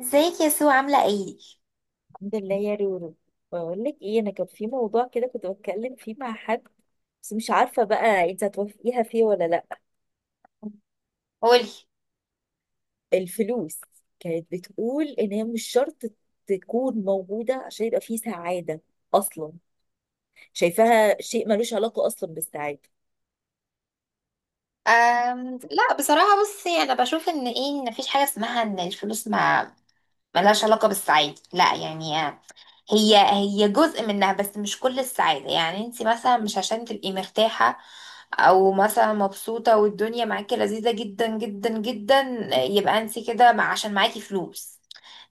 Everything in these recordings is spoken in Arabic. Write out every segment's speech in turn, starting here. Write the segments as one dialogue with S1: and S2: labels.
S1: ازيك يا سو، عاملة ايه؟
S2: الحمد لله يا رورو. بقول لك ايه، انا كان في موضوع كده كنت بتكلم فيه مع حد، بس مش عارفه بقى انت هتوافقيها فيه ولا لا.
S1: قولي.
S2: الفلوس كانت بتقول ان هي مش شرط تكون موجوده عشان يبقى فيه سعاده، اصلا شايفاها شيء ملوش علاقه اصلا بالسعاده.
S1: لا، بصراحة بصي، انا بشوف ان ايه، ان مفيش حاجة اسمها ان الفلوس ما ملهاش علاقة بالسعادة، لا يعني. هي جزء منها، بس مش كل السعادة. يعني انت مثلا، مش عشان تبقي مرتاحة او مثلا مبسوطة والدنيا معاكي لذيذة جدا جدا جدا، يبقى انت كده عشان معاكي فلوس.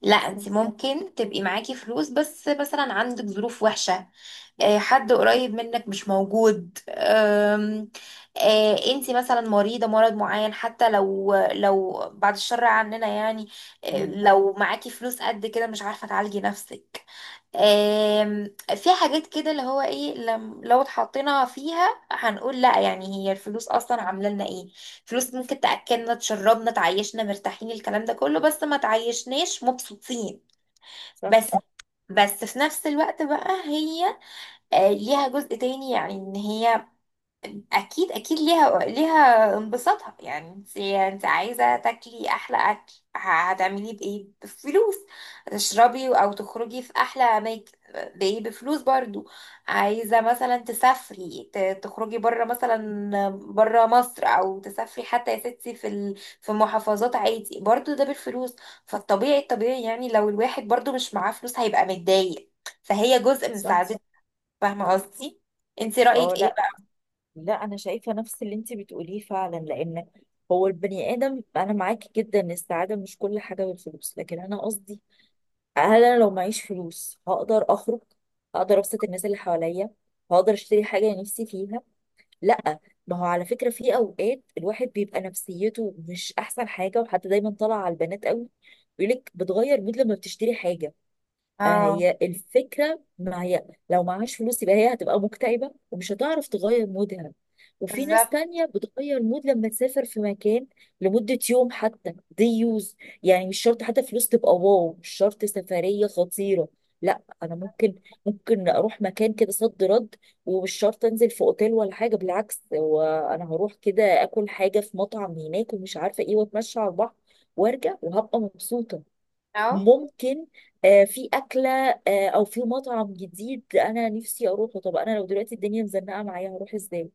S1: لا،
S2: صح.
S1: انت ممكن تبقي معاكي فلوس بس مثلا عندك ظروف وحشة، حد قريب منك مش موجود، انتي مثلا مريضة مرض معين حتى لو بعد الشر عننا يعني،
S2: مم.
S1: لو معاكي فلوس قد كده مش عارفة تعالجي نفسك. في حاجات كده اللي هو ايه، لم لو اتحطينا فيها هنقول لا، يعني هي الفلوس اصلا عامله لنا ايه؟ فلوس ممكن تاكلنا تشربنا تعيشنا مرتاحين، الكلام ده كله، بس ما تعيشناش مبسوطين.
S2: صح.
S1: بس في نفس الوقت بقى هي، ليها جزء تاني، يعني ان هي اكيد اكيد ليها انبساطها. يعني انت عايزه تاكلي احلى اكل، هتعملي بايه؟ بفلوس. تشربي او تخرجي في احلى اماكن، بايه؟ بفلوس برضو. عايزه مثلا تسافري، تخرجي بره، مثلا بره مصر، او تسافري حتى يا ستي في محافظات عادي، برضو ده بالفلوس. فالطبيعي يعني، لو الواحد برضو مش معاه فلوس هيبقى متضايق. فهي جزء من
S2: صح.
S1: سعادة. فاهمة قصدي؟ انت
S2: اه،
S1: رأيك ايه
S2: لا.
S1: بقى؟
S2: لا، انا شايفه نفس اللي انت بتقوليه فعلا، لان هو البني ادم. انا معاكي جدا ان السعاده مش كل حاجه بالفلوس، لكن انا قصدي هل انا لو معيش فلوس هقدر اخرج؟ هقدر ابسط الناس اللي حواليا؟ هقدر اشتري حاجه نفسي فيها؟ لا. ما هو على فكره في اوقات الواحد بيبقى نفسيته مش احسن حاجه، وحتى دايما طالع على البنات قوي بيقولك بتغير مود لما بتشتري حاجه.
S1: اه.
S2: هي الفكرة، ما هي لو معهاش فلوس يبقى هي هتبقى مكتئبة ومش هتعرف تغير مودها. وفي ناس
S1: بالظبط.
S2: تانية بتغير مود لما تسافر في مكان لمدة يوم حتى. دي يوز، يعني مش شرط حتى فلوس تبقى واو، مش شرط سفرية خطيرة. لا، انا ممكن اروح مكان كده صد رد، ومش شرط انزل في اوتيل ولا حاجة، بالعكس، وانا هروح كده اكل حاجة في مطعم هناك ومش عارفة ايه، واتمشى على البحر وارجع وهبقى مبسوطة.
S1: اهو.
S2: ممكن في أكلة، أو في مطعم جديد أنا نفسي أروحه. طب أنا لو دلوقتي الدنيا مزنقة معايا هروح إزاي؟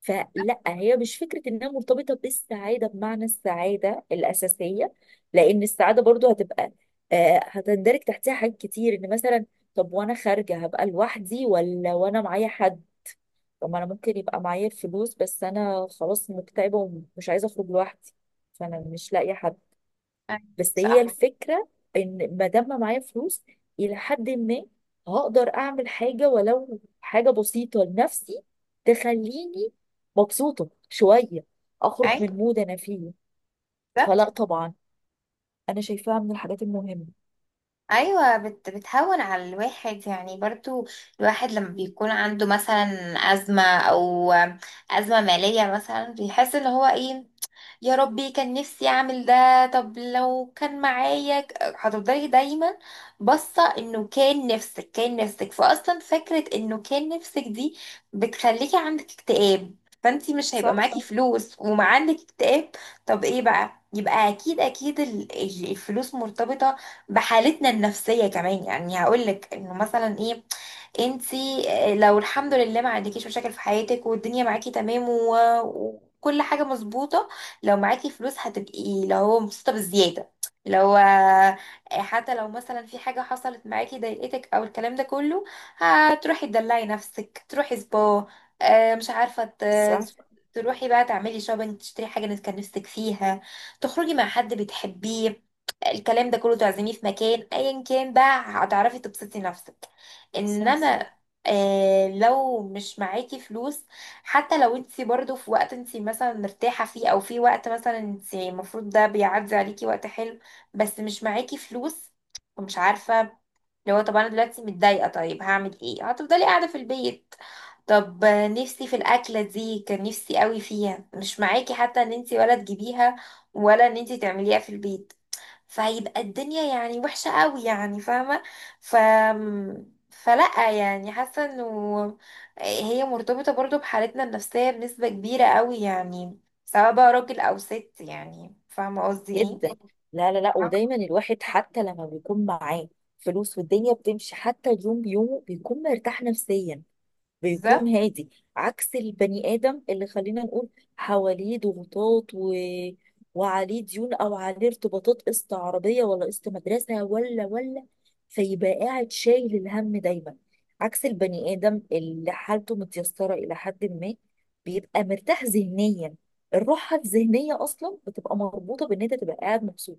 S2: فلا، هي مش فكرة إنها مرتبطة بالسعادة بمعنى السعادة الأساسية، لأن السعادة برضو هتبقى، هتندرج تحتها حاجات كتير. إن مثلا طب وأنا خارجة هبقى لوحدي ولا وأنا معايا حد؟ طب ما أنا ممكن يبقى معايا الفلوس بس أنا خلاص مكتئبة ومش عايزة أخرج لوحدي، فأنا مش لاقية حد.
S1: أيوة.
S2: بس هي
S1: صح.
S2: الفكرة، ان ما دام معايا فلوس، الى حد ما هقدر اعمل حاجة، ولو حاجة بسيطة لنفسي تخليني مبسوطة شوية، اخرج من
S1: ايوه.
S2: مود انا فيه.
S1: بالظبط.
S2: فلا طبعا، انا شايفاها من الحاجات المهمة.
S1: ايوه، بتهون على الواحد يعني برضو. الواحد لما بيكون عنده مثلا ازمه، او ازمه ماليه مثلا، بيحس ان هو ايه، يا ربي كان نفسي اعمل ده. طب لو كان معايا، هتفضلي دايما باصه انه كان نفسك، فاصلا فكره انه كان نفسك دي بتخليكي عندك اكتئاب. فانتي مش هيبقى
S2: صح.
S1: معاكي فلوس وما عندك اكتئاب؟ طب ايه بقى؟ يبقى اكيد اكيد الفلوس مرتبطه بحالتنا النفسيه كمان. يعني هقولك انه مثلا ايه، انتي لو الحمد لله ما عندكيش مشاكل في حياتك، والدنيا معاكي تمام، وكل حاجه مظبوطه، لو معاكي فلوس هتبقي اللي هو مبسوطة بالزيادة. لو حتى لو مثلا في حاجة حصلت معاكي ضايقتك، او الكلام ده كله، هتروحي تدلعي نفسك، تروحي سبا، مش عارفة،
S2: صح.
S1: تروحي بقى تعملي شوبينج، تشتري حاجة انت كان نفسك فيها، تخرجي مع حد بتحبيه، الكلام ده كله، تعزميه في مكان ايا كان بقى، هتعرفي تبسطي نفسك.
S2: صح.
S1: انما لو مش معاكي فلوس، حتى لو انت برضو في وقت انت مثلا مرتاحة فيه، او في وقت مثلا انت المفروض ده بيعدي عليكي وقت حلو، بس مش معاكي فلوس ومش عارفة، لو طب انا دلوقتي متضايقة طيب هعمل ايه؟ هتفضلي قاعدة في البيت. طب نفسي في الأكلة دي، كان نفسي قوي فيها، مش معاكي حتى ان انت ولا تجيبيها ولا ان انت تعمليها في البيت. فهيبقى الدنيا يعني وحشة قوي يعني، فاهمة؟ ف فلا، يعني حاسة انه هي مرتبطة برضو بحالتنا النفسية بنسبة كبيرة قوي يعني، سواء بقى راجل او ست، يعني فاهمة قصدي
S2: جدا.
S1: ايه؟
S2: لا، لا، لا. ودايما الواحد حتى لما بيكون معاه فلوس والدنيا بتمشي حتى اليوم بيومه بيكون مرتاح نفسيا، بيكون
S1: بالظبط.
S2: هادي. عكس البني آدم اللي خلينا نقول حواليه ضغوطات، وعليه ديون أو عليه ارتباطات، قسط عربية ولا قسط مدرسة ولا، فيبقى قاعد شايل الهم دايما. عكس البني آدم اللي حالته متيسرة إلى حد ما، بيبقى مرتاح ذهنيا. الراحة الذهنية أصلا بتبقى مربوطة بإن أنت تبقى قاعد مبسوط،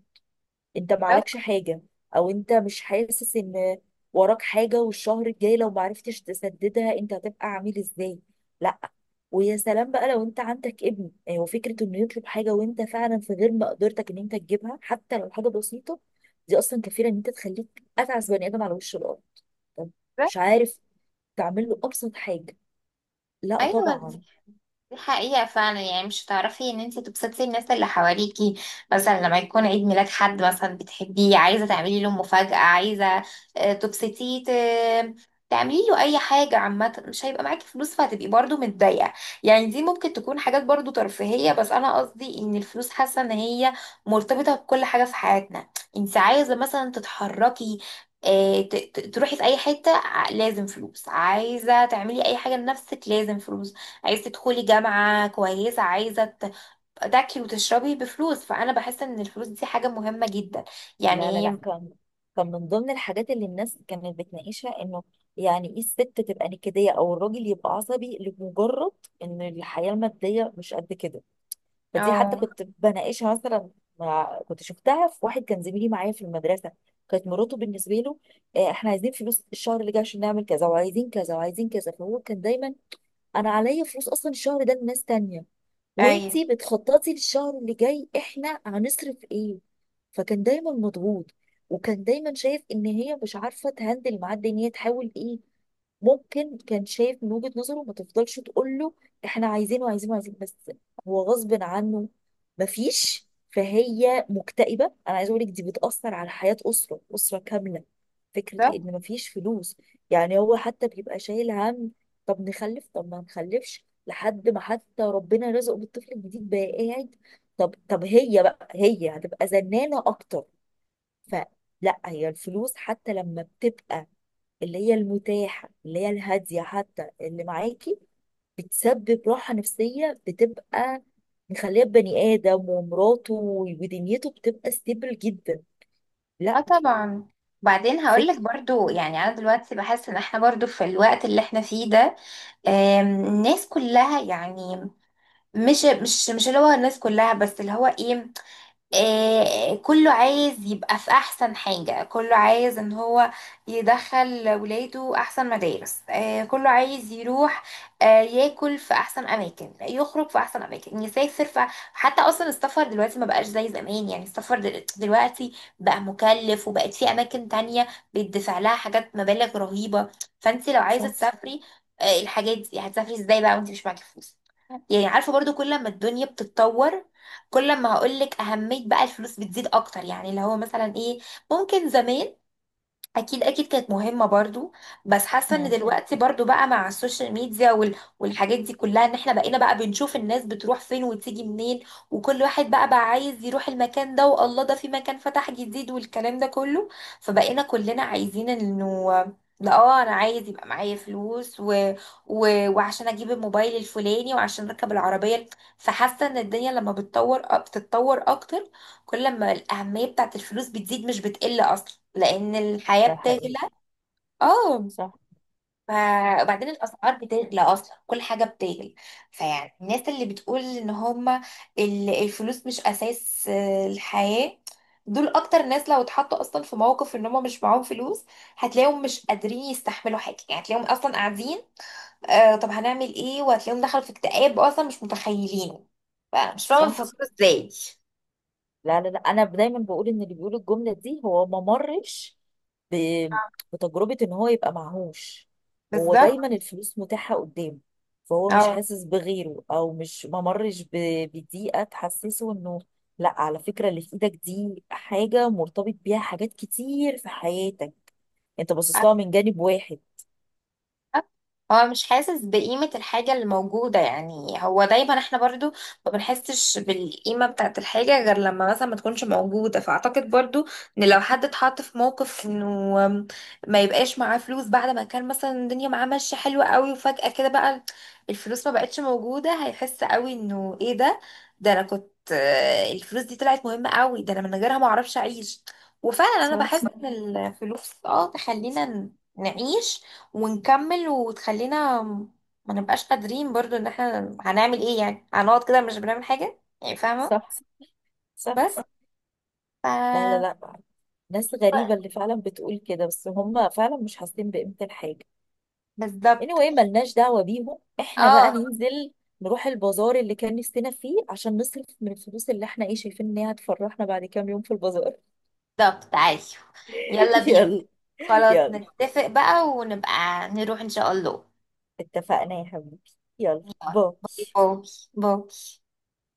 S2: انت معلكش
S1: بالظبط.
S2: حاجة، او انت مش حاسس ان وراك حاجة والشهر الجاي لو معرفتش تسددها انت هتبقى عامل ازاي. لا. ويا سلام بقى لو انت عندك ابن، يعني هو فكرة انه يطلب حاجة وانت فعلا في غير مقدرتك ان انت تجيبها حتى لو حاجة بسيطة، دي اصلا كفيلة ان انت تخليك اتعس بني ادم على وش الارض. طب
S1: بالظبط.
S2: مش عارف تعمل له ابسط حاجة، لا
S1: ايوه.
S2: طبعا.
S1: دي حقيقة فعلا. يعني مش هتعرفي ان انت تبسطي الناس اللي حواليكي، مثلا لما يكون عيد ميلاد حد مثلا بتحبيه، عايزة تعملي له مفاجأة، عايزة تبسطيه، تعملي له اي حاجة عامة، مش هيبقى معاكي فلوس، فهتبقي برضو متضايقة. يعني دي ممكن تكون حاجات برضو ترفيهية، بس انا قصدي ان الفلوس، حاسة ان هي مرتبطة بكل حاجة في حياتنا. انت عايزة مثلا تتحركي، تروحي في اي حتة، لازم فلوس. عايزة تعملي اي حاجة لنفسك، لازم فلوس. عايز تدخلي جامعة كويسة، عايزة تاكلي وتشربي، بفلوس. فأنا بحس إن الفلوس دي حاجة مهمة جدا.
S2: لا، لا،
S1: يعني
S2: لا.
S1: هي،
S2: كان من ضمن الحاجات اللي الناس كانت بتناقشها، انه يعني ايه الست تبقى نكدية او الراجل يبقى عصبي لمجرد ان الحياة المادية مش قد كده. فدي حتى
S1: اه.
S2: كنت بناقشها مثلا مع، كنت شفتها في واحد كان زميلي معايا في المدرسة، كانت مراته بالنسبة له احنا عايزين فلوس الشهر اللي جاي عشان نعمل كذا وعايزين كذا وعايزين كذا. فهو كان دايما انا عليا فلوس اصلا الشهر ده لناس تانية،
S1: أيوة.
S2: وانتي بتخططي للشهر اللي جاي احنا هنصرف ايه. فكان دايما مضغوط، وكان دايما شايف ان هي مش عارفه تهندل معاه، ان هي تحاول ايه. ممكن كان شايف من وجهة نظره ما تفضلش تقول له احنا عايزينه عايزينه عايزين، بس هو غصب عنه مفيش. فهي مكتئبة. انا عايزه اقول لك دي بتأثر على حياة أسرة كاملة. فكرة
S1: بالظبط.
S2: ان مفيش فلوس، يعني هو حتى بيبقى شايل هم. طب نخلف طب ما نخلفش؟ لحد ما حتى ربنا رزقه بالطفل الجديد بقى قاعد، طب هي بقى هي هتبقى زنانة أكتر. فلا، هي الفلوس حتى لما بتبقى اللي هي المتاحة اللي هي الهادية حتى اللي معاكي بتسبب راحة نفسية، بتبقى مخليه بني آدم ومراته ودنيته بتبقى ستيبل جدا.
S1: اه
S2: لا.
S1: طبعا. بعدين
S2: فك
S1: هقولك برضو، يعني أنا دلوقتي بحس إن احنا برضو في الوقت اللي احنا فيه ده، الناس كلها يعني، مش اللي هو الناس كلها، بس اللي هو ايه، كله عايز يبقى في احسن حاجة، كله عايز ان هو يدخل ولاده احسن مدارس، كله عايز يروح، ياكل في احسن اماكن، يخرج في احسن اماكن، يسافر. حتى اصلا السفر دلوقتي ما بقاش زي زمان، يعني السفر دلوقتي بقى مكلف، وبقت في اماكن تانية بيدفع لها حاجات، مبالغ رهيبة. فانت لو عايزة
S2: صح.
S1: تسافري، الحاجات دي هتسافري ازاي بقى وانت مش معاكي فلوس؟ يعني عارفة، برضو كل ما الدنيا بتتطور، كل ما هقولك أهمية بقى الفلوس بتزيد أكتر، يعني اللي هو مثلا إيه، ممكن زمان اكيد اكيد كانت مهمه برضو، بس حاسه ان
S2: مم.
S1: دلوقتي برضو بقى مع السوشيال ميديا والحاجات دي كلها، ان احنا بقينا بقى بنشوف الناس بتروح فين وتيجي منين، وكل واحد بقى عايز يروح المكان ده، والله ده في مكان فتح جديد، والكلام ده كله. فبقينا كلنا عايزين انه، لا اه، انا عايز يبقى معايا فلوس وعشان اجيب الموبايل الفلاني، وعشان اركب العربيه. فحاسه ان الدنيا لما بتطور بتتطور اكتر، كل ما الأهمية بتاعت الفلوس بتزيد مش بتقل، أصلا لأن الحياة
S2: ده
S1: بتغلى.
S2: حقيقي.
S1: اه.
S2: صح.
S1: ف- وبعدين الأسعار بتغلى أصلا، كل حاجة بتغلى. فيعني الناس اللي بتقول إن هما الفلوس مش أساس الحياة، دول أكتر ناس لو اتحطوا أصلا في موقف إن هما مش معاهم فلوس، هتلاقيهم مش قادرين يستحملوا حاجة، يعني هتلاقيهم أصلا قاعدين، طب هنعمل إيه؟ وهتلاقيهم دخلوا في اكتئاب أصلا مش متخيلينه. فمش فاهمة
S2: صح.
S1: بيفكروا إزاي.
S2: لا، لا، لا. انا دايما بقول ان اللي بيقول الجمله دي هو ما مرش ب... بتجربه ان هو يبقى معهوش. هو دايما
S1: بالظبط.
S2: الفلوس متاحه قدامه، فهو مش
S1: اه.
S2: حاسس بغيره. او مش ما مرش بضيقه تحسسه انه لا، على فكره اللي في ايدك دي حاجه مرتبط بيها حاجات كتير في حياتك، انت باصص لها من جانب واحد.
S1: هو مش حاسس بقيمة الحاجة اللي موجودة، يعني هو دايما، احنا برضو ما بنحسش بالقيمة بتاعت الحاجة غير لما مثلا ما تكونش موجودة. فأعتقد برضو ان لو حد اتحط في موقف انه ما يبقاش معاه فلوس، بعد ما كان مثلا الدنيا معاه ماشية حلوة قوي، وفجأة كده بقى الفلوس ما بقتش موجودة، هيحس قوي انه ايه ده، ده انا كنت، الفلوس دي طلعت مهمة قوي، ده انا من غيرها ما اعرفش اعيش. وفعلا انا
S2: صح.
S1: بحس ان الفلوس اه تخلينا نعيش ونكمل، وتخلينا ما نبقاش قادرين برضو، ان احنا هنعمل ايه يعني، هنقعد كده مش بنعمل حاجة يعني، فاهمة؟
S2: صح. صح.
S1: بس.
S2: لا، لا،
S1: ف
S2: لا. ناس غريبه اللي فعلا بتقول كده، بس هم فعلا مش حاسين بقيمه الحاجه.
S1: بالظبط.
S2: anyway ملناش دعوة بيهم، احنا بقى
S1: اه.
S2: ننزل نروح البازار اللي كان نفسنا فيه عشان نصرف من الفلوس اللي احنا ايه شايفين ان هي هتفرحنا بعد كام يوم في البازار.
S1: بالظبط. عايش. يلا بينا.
S2: يلا.
S1: خلاص،
S2: يلا.
S1: نتفق بقى ونبقى نروح ان شاء الله.
S2: اتفقنا يا حبيبي. يلا،
S1: يلا.
S2: باي.
S1: باي، باي، باي.